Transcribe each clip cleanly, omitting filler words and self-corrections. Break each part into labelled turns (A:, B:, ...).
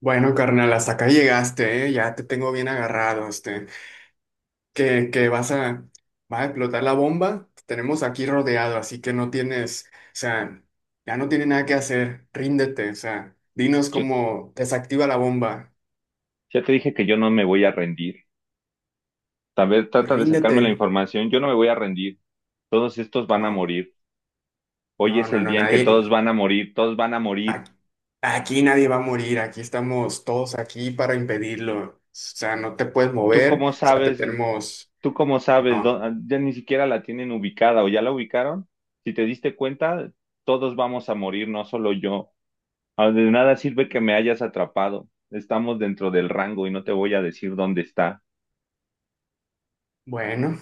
A: Bueno, carnal, hasta acá llegaste, ¿eh? Ya te tengo bien agarrado, este, que vas a, va a explotar la bomba, te tenemos aquí rodeado, así que no tienes, o sea, ya no tiene nada que hacer, ríndete, o sea, dinos
B: Yo-
A: cómo desactiva la bomba,
B: ya te dije que yo no me voy a rendir. Tal vez
A: pues
B: trata de sacarme la
A: ríndete,
B: información. Yo no me voy a rendir. Todos estos van a
A: no,
B: morir. Hoy
A: no,
B: es
A: no,
B: el
A: no,
B: día en que
A: nadie,
B: todos van a morir. Todos van a morir.
A: a- aquí nadie va a morir, aquí estamos todos aquí para impedirlo, o sea, no te puedes
B: ¿Tú
A: mover,
B: cómo
A: o sea, te
B: sabes?
A: tenemos,
B: ¿Tú cómo sabes?
A: no,
B: Ya ni siquiera la tienen ubicada o ya la ubicaron. Si te diste cuenta, todos vamos a morir, no solo yo. Ah, de nada sirve que me hayas atrapado. Estamos dentro del rango y no te voy a decir dónde está.
A: bueno.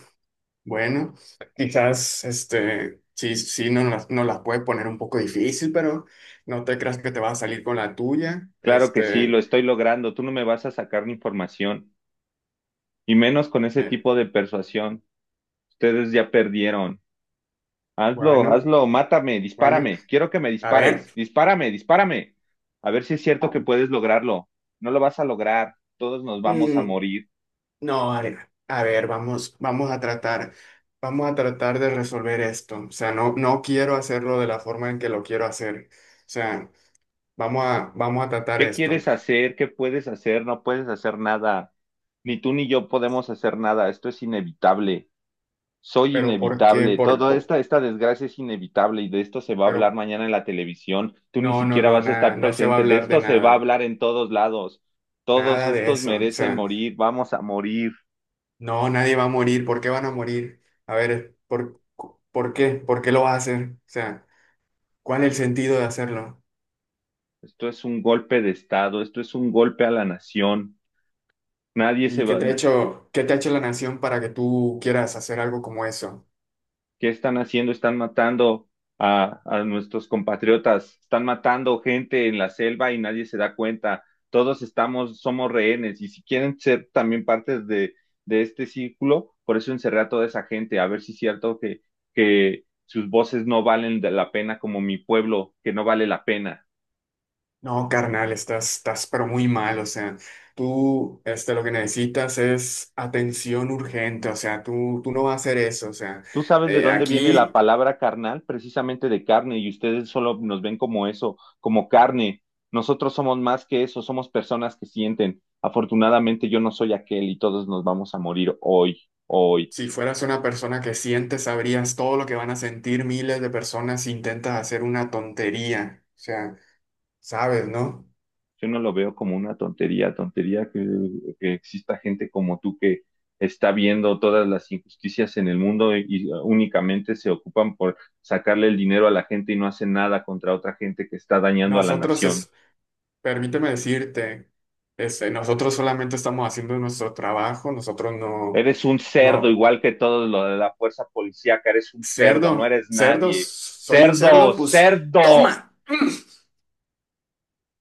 A: Bueno, quizás este, sí, no las puedes poner un poco difícil, pero no te creas que te vas a salir con la tuya.
B: Claro que sí,
A: Este,
B: lo estoy logrando. Tú no me vas a sacar ni información. Y menos con ese
A: eh,
B: tipo de persuasión. Ustedes ya perdieron. Hazlo,
A: bueno,
B: hazlo, mátame,
A: bueno,
B: dispárame. Quiero que me
A: a ver.
B: dispares. Dispárame, dispárame. A ver si es cierto
A: ah,
B: que puedes lograrlo. No lo vas a lograr. Todos nos vamos a
A: Mm,
B: morir.
A: no, a ver, vamos, vamos a tratar de resolver esto. O sea, no quiero hacerlo de la forma en que lo quiero hacer. O sea, vamos a tratar
B: ¿Qué
A: esto.
B: quieres hacer? ¿Qué puedes hacer? No puedes hacer nada. Ni tú ni yo podemos hacer nada. Esto es inevitable. Soy
A: Pero ¿por qué?
B: inevitable, toda esta desgracia es inevitable, y de esto se va a hablar
A: Pero
B: mañana en la televisión. Tú ni
A: no, no,
B: siquiera
A: no,
B: vas a
A: nada,
B: estar
A: no se va a
B: presente, de
A: hablar de
B: esto se va a
A: nada.
B: hablar en todos lados. Todos
A: Nada de
B: estos
A: eso. O
B: merecen
A: sea,
B: morir, vamos a morir.
A: no, nadie va a morir. ¿Por qué van a morir? A ver, ¿por qué? ¿Por qué lo vas a hacer? O sea, ¿cuál es el sentido de hacerlo?
B: Esto es un golpe de Estado, esto es un golpe a la nación. Nadie se
A: ¿Y qué
B: va.
A: te ha hecho, qué te ha hecho la nación para que tú quieras hacer algo como eso?
B: ¿Qué están haciendo? Están matando a nuestros compatriotas, están matando gente en la selva y nadie se da cuenta. Todos estamos, somos rehenes, y si quieren ser también partes de este círculo, por eso encerré a toda esa gente, a ver si es cierto que sus voces no valen de la pena como mi pueblo, que no vale la pena.
A: No, carnal, estás pero muy mal. O sea, tú, este, lo que necesitas es atención urgente. O sea, tú no vas a hacer eso. O sea,
B: Tú sabes de dónde viene la
A: aquí.
B: palabra carnal, precisamente de carne, y ustedes solo nos ven como eso, como carne. Nosotros somos más que eso, somos personas que sienten. Afortunadamente yo no soy aquel y todos nos vamos a morir hoy, hoy.
A: Si fueras una persona que siente, sabrías todo lo que van a sentir miles de personas si intentas hacer una tontería. O sea, sabes, ¿no?
B: Yo no lo veo como una tontería, tontería que exista gente como tú que está viendo todas las injusticias en el mundo, y únicamente se ocupan por sacarle el dinero a la gente y no hacen nada contra otra gente que está dañando a la
A: Nosotros,
B: nación.
A: es, permíteme decirte, este, nosotros solamente estamos haciendo nuestro trabajo, nosotros no,
B: Eres un cerdo,
A: no,
B: igual que todo lo de la fuerza policíaca, eres un cerdo, no
A: cerdo,
B: eres
A: cerdos,
B: nadie.
A: soy un
B: Cerdo,
A: cerdo, pues
B: cerdo.
A: toma.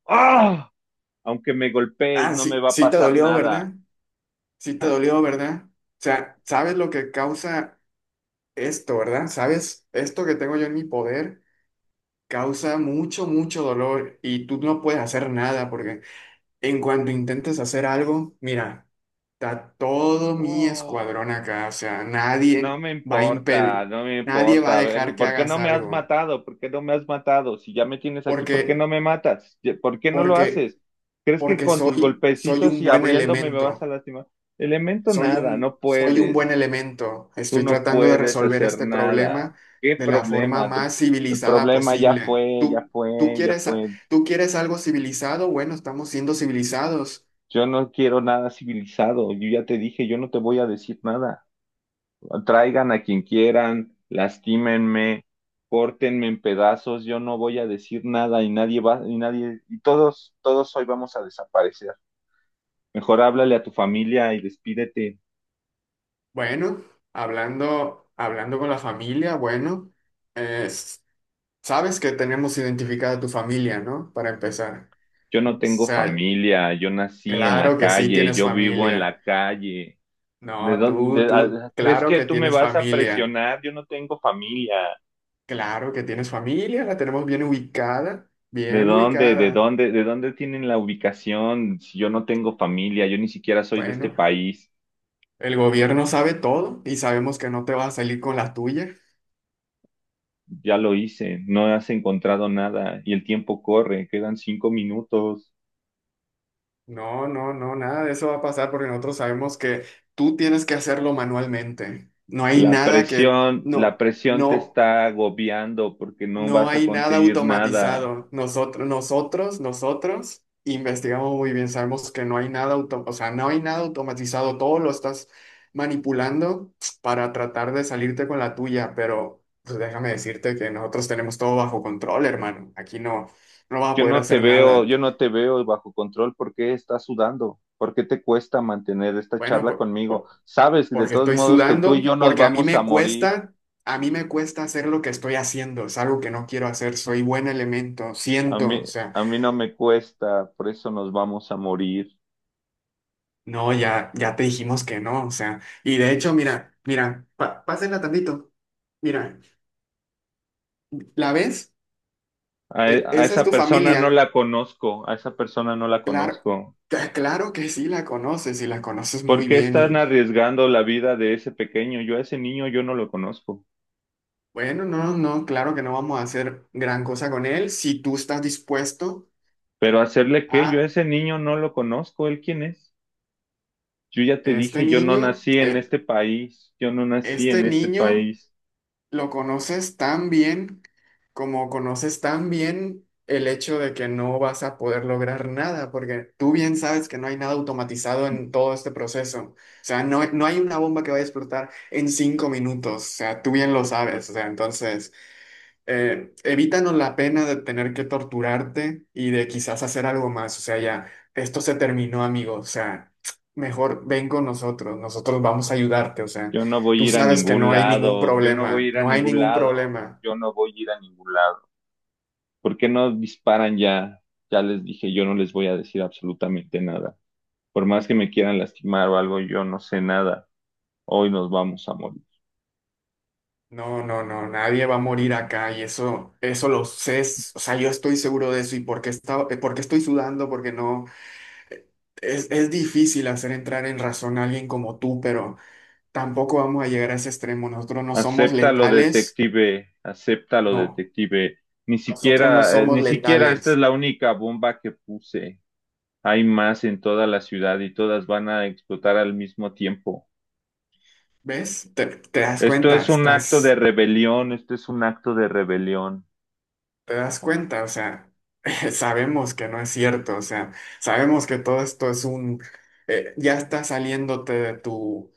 B: ¡Ah! Aunque me golpees,
A: Ah,
B: no me
A: sí,
B: va a
A: sí te
B: pasar
A: dolió,
B: nada.
A: ¿verdad? Sí te dolió, ¿verdad? O sea, ¿sabes lo que causa esto, verdad? ¿Sabes esto que tengo yo en mi poder? Causa mucho, mucho dolor y tú no puedes hacer nada porque en cuanto intentes hacer algo, mira, está todo mi
B: Oh,
A: escuadrón acá, o sea,
B: no
A: nadie
B: me
A: va a
B: importa,
A: impedir,
B: no me
A: nadie va a
B: importa. A ver,
A: dejar que
B: ¿por qué
A: hagas
B: no me has
A: algo
B: matado? ¿Por qué no me has matado? Si ya me tienes aquí, ¿por qué no
A: porque,
B: me matas? ¿Por qué no lo haces?
A: porque,
B: ¿Crees que
A: porque
B: con tus
A: soy, soy
B: golpecitos
A: un
B: y
A: buen
B: abriéndome me vas a
A: elemento.
B: lastimar? Elemento nada, no
A: Soy un buen
B: puedes.
A: elemento.
B: Tú
A: Estoy
B: no
A: tratando de
B: puedes
A: resolver
B: hacer
A: este
B: nada.
A: problema
B: ¿Qué
A: de la forma
B: problema?
A: más
B: El
A: civilizada
B: problema ya
A: posible.
B: fue, ya
A: ¿Tú,
B: fue, ya fue.
A: tú quieres algo civilizado? Bueno, estamos siendo civilizados.
B: Yo no quiero nada civilizado. Yo ya te dije, yo no te voy a decir nada. Traigan a quien quieran, lastímenme, córtenme en pedazos. Yo no voy a decir nada y nadie va, y nadie, y todos, todos hoy vamos a desaparecer. Mejor háblale a tu familia y despídete.
A: Bueno, hablando, hablando con la familia, bueno, es- sabes que tenemos identificada a tu familia, ¿no? Para empezar. O
B: Yo no tengo
A: sea,
B: familia, yo nací en la
A: claro que sí
B: calle,
A: tienes
B: yo vivo en
A: familia.
B: la calle. ¿De
A: No,
B: dónde?
A: tú,
B: ¿Crees
A: claro
B: que
A: que
B: tú me
A: tienes
B: vas a
A: familia.
B: presionar? Yo no tengo familia.
A: Claro que tienes familia, la tenemos bien ubicada,
B: ¿De
A: bien
B: dónde? ¿De
A: ubicada.
B: dónde? ¿De dónde tienen la ubicación? Si yo no tengo familia, yo ni siquiera soy de este
A: Bueno,
B: país.
A: el gobierno sabe todo y sabemos que no te vas a salir con la tuya.
B: Ya lo hice, no has encontrado nada y el tiempo corre, quedan 5 minutos.
A: No, nada de eso va a pasar porque nosotros sabemos que tú tienes que hacerlo manualmente. No hay nada que,
B: La
A: no,
B: presión te
A: no.
B: está agobiando porque no
A: No
B: vas a
A: hay nada
B: conseguir nada.
A: automatizado. Nosotros investigamos muy bien. Sabemos que no hay nada auto, o sea, no hay nada automatizado. Todo lo estás manipulando para tratar de salirte con la tuya, pero pues déjame decirte que nosotros tenemos todo bajo control, hermano. Aquí no, no vas a
B: Yo
A: poder
B: no te
A: hacer
B: veo,
A: nada.
B: yo no te veo bajo control. ¿Por qué estás sudando? ¿Por qué te cuesta mantener esta
A: Bueno,
B: charla conmigo? Sabes de
A: porque
B: todos
A: estoy
B: modos que tú y
A: sudando,
B: yo nos
A: porque a mí
B: vamos a
A: me
B: morir.
A: cuesta, a mí me cuesta hacer lo que estoy haciendo. Es algo que no quiero hacer. Soy buen elemento,
B: A
A: siento,
B: mí,
A: o sea.
B: a mí no me cuesta, por eso nos vamos a morir.
A: No, ya, ya te dijimos que no, o sea, y de hecho, mira, mira, pásenla tantito. Mira, ¿la ves?
B: A
A: Esa es
B: esa
A: tu
B: persona
A: familia.
B: no la conozco, a esa persona no la
A: Claro,
B: conozco.
A: claro que sí la conoces y la conoces
B: ¿Por
A: muy
B: qué
A: bien
B: están
A: y
B: arriesgando la vida de ese pequeño? Yo a ese niño yo no lo conozco.
A: bueno, no, no, claro que no vamos a hacer gran cosa con él si tú estás dispuesto
B: Pero hacerle qué, yo a
A: a
B: ese niño no lo conozco. ¿Él quién es? Yo ya te
A: este
B: dije, yo no
A: niño,
B: nací en
A: eh,
B: este país, yo no nací en
A: este
B: este
A: niño.
B: país,
A: Lo conoces tan bien como conoces tan bien el hecho de que no vas a poder lograr nada, porque tú bien sabes que no hay nada automatizado en todo este proceso. O sea, no, no hay una bomba que vaya a explotar en cinco minutos. O sea, tú bien lo sabes. O sea, entonces evítanos la pena de tener que torturarte y de quizás hacer algo más. O sea, ya, esto se terminó, amigo. O sea, mejor ven con nosotros, nosotros vamos a ayudarte. O sea,
B: yo no voy
A: tú
B: a ir a
A: sabes que
B: ningún
A: no hay ningún
B: lado, yo no voy a
A: problema,
B: ir a
A: no hay
B: ningún
A: ningún
B: lado,
A: problema.
B: yo no voy a ir a ningún lado. ¿Por qué no disparan ya? Ya les dije, yo no les voy a decir absolutamente nada. Por más que me quieran lastimar o algo, yo no sé nada. Hoy nos vamos a morir.
A: No, nadie va a morir acá y eso lo sé. O sea, yo estoy seguro de eso y porque está, porque estoy sudando, porque no. eh, es difícil hacer entrar en razón a alguien como tú, pero tampoco vamos a llegar a ese extremo. Nosotros no somos
B: Acéptalo,
A: letales.
B: detective, acéptalo,
A: No,
B: detective. Ni
A: nosotros no
B: siquiera,
A: somos
B: ni siquiera esta es
A: letales.
B: la única bomba que puse. Hay más en toda la ciudad y todas van a explotar al mismo tiempo.
A: ¿Ves? Te das
B: Esto
A: cuenta,
B: es un acto de
A: estás,
B: rebelión, esto es un acto de rebelión.
A: te das cuenta, o sea, sabemos que no es cierto, o sea, sabemos que todo esto es un, ya estás saliéndote de tu,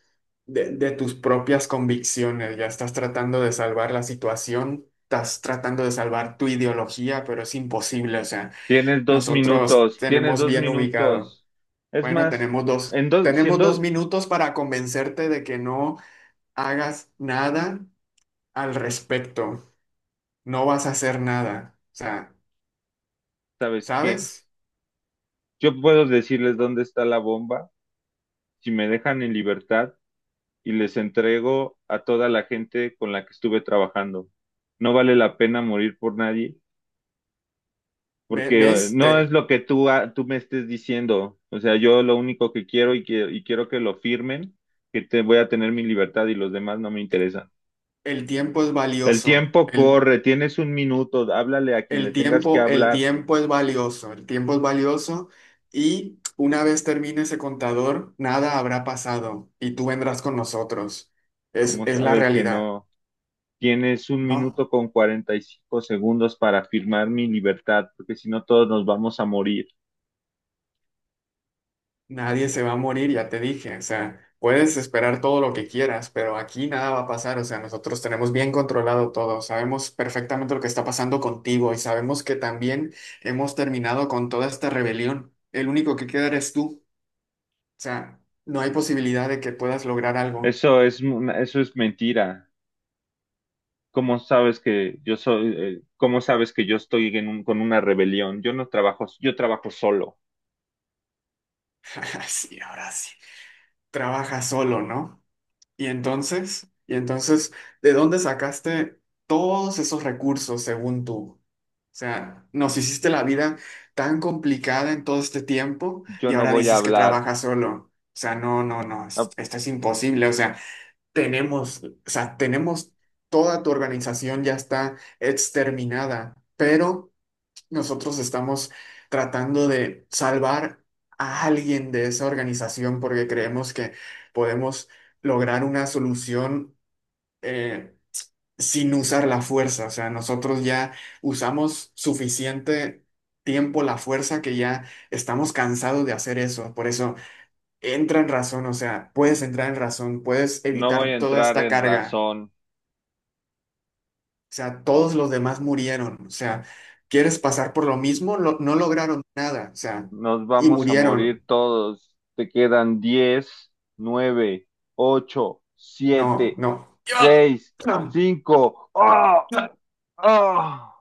A: de tus propias convicciones, ya estás tratando de salvar la situación, estás tratando de salvar tu ideología, pero es imposible, o sea,
B: Tienes dos
A: nosotros
B: minutos, tienes
A: tenemos
B: dos
A: bien ubicado.
B: minutos. Es
A: Bueno,
B: más, en dos, si en
A: tenemos
B: dos,
A: dos minutos para convencerte de que no hagas nada al respecto. No vas a hacer nada. O sea,
B: ¿sabes qué?
A: ¿sabes?
B: Yo puedo decirles dónde está la bomba si me dejan en libertad y les entrego a toda la gente con la que estuve trabajando. No vale la pena morir por nadie porque
A: ¿Ves?
B: no es lo que tú, tú me estés diciendo. O sea, yo lo único que quiero y quiero que lo firmen, que te voy a tener mi libertad y los demás no me interesan.
A: El tiempo es
B: El
A: valioso.
B: tiempo
A: El,
B: corre, tienes un minuto, háblale a quien le tengas que
A: el
B: hablar,
A: tiempo es valioso. El tiempo es valioso y una vez termine ese contador, nada habrá pasado y tú vendrás con nosotros.
B: como
A: Es la
B: sabes que
A: realidad,
B: no. Tienes un minuto
A: ¿no?
B: con 45 segundos para firmar mi libertad, porque si no todos nos vamos a morir.
A: Nadie se va a morir, ya te dije. O sea, puedes esperar todo lo que quieras, pero aquí nada va a pasar. O sea, nosotros tenemos bien controlado todo. Sabemos perfectamente lo que está pasando contigo y sabemos que también hemos terminado con toda esta rebelión. El único que queda eres tú. O sea, no hay posibilidad de que puedas lograr algo.
B: Eso es, eso es mentira. ¿Cómo sabes que yo soy, cómo sabes que yo estoy en con una rebelión? Yo no trabajo, yo trabajo solo.
A: Sí, ahora sí. Trabaja solo, ¿no? Y entonces, ¿de dónde sacaste todos esos recursos según tú? O sea, nos hiciste la vida tan complicada en todo este tiempo
B: Yo
A: y
B: no
A: ahora
B: voy a
A: dices que
B: hablar,
A: trabajas solo. O sea, no,
B: no,
A: esto es imposible. O sea, tenemos toda tu organización ya está exterminada, pero nosotros estamos tratando de salvar a alguien de esa organización porque creemos que podemos lograr una solución. eh, Sin usar la fuerza. O sea, nosotros ya usamos suficiente tiempo la fuerza que ya estamos cansados de hacer eso. Por eso entra en razón, o sea, puedes entrar en razón, puedes
B: no voy a
A: evitar toda
B: entrar
A: esta
B: en
A: carga.
B: razón.
A: O sea, todos los demás murieron. O sea, ¿quieres pasar por lo mismo? No lograron nada. O sea,
B: Nos
A: y
B: vamos a morir
A: murieron.
B: todos. Te quedan 10, 9, 8, 7,
A: No,
B: 6, cinco. ¡Ah!
A: no.
B: ¡Ah!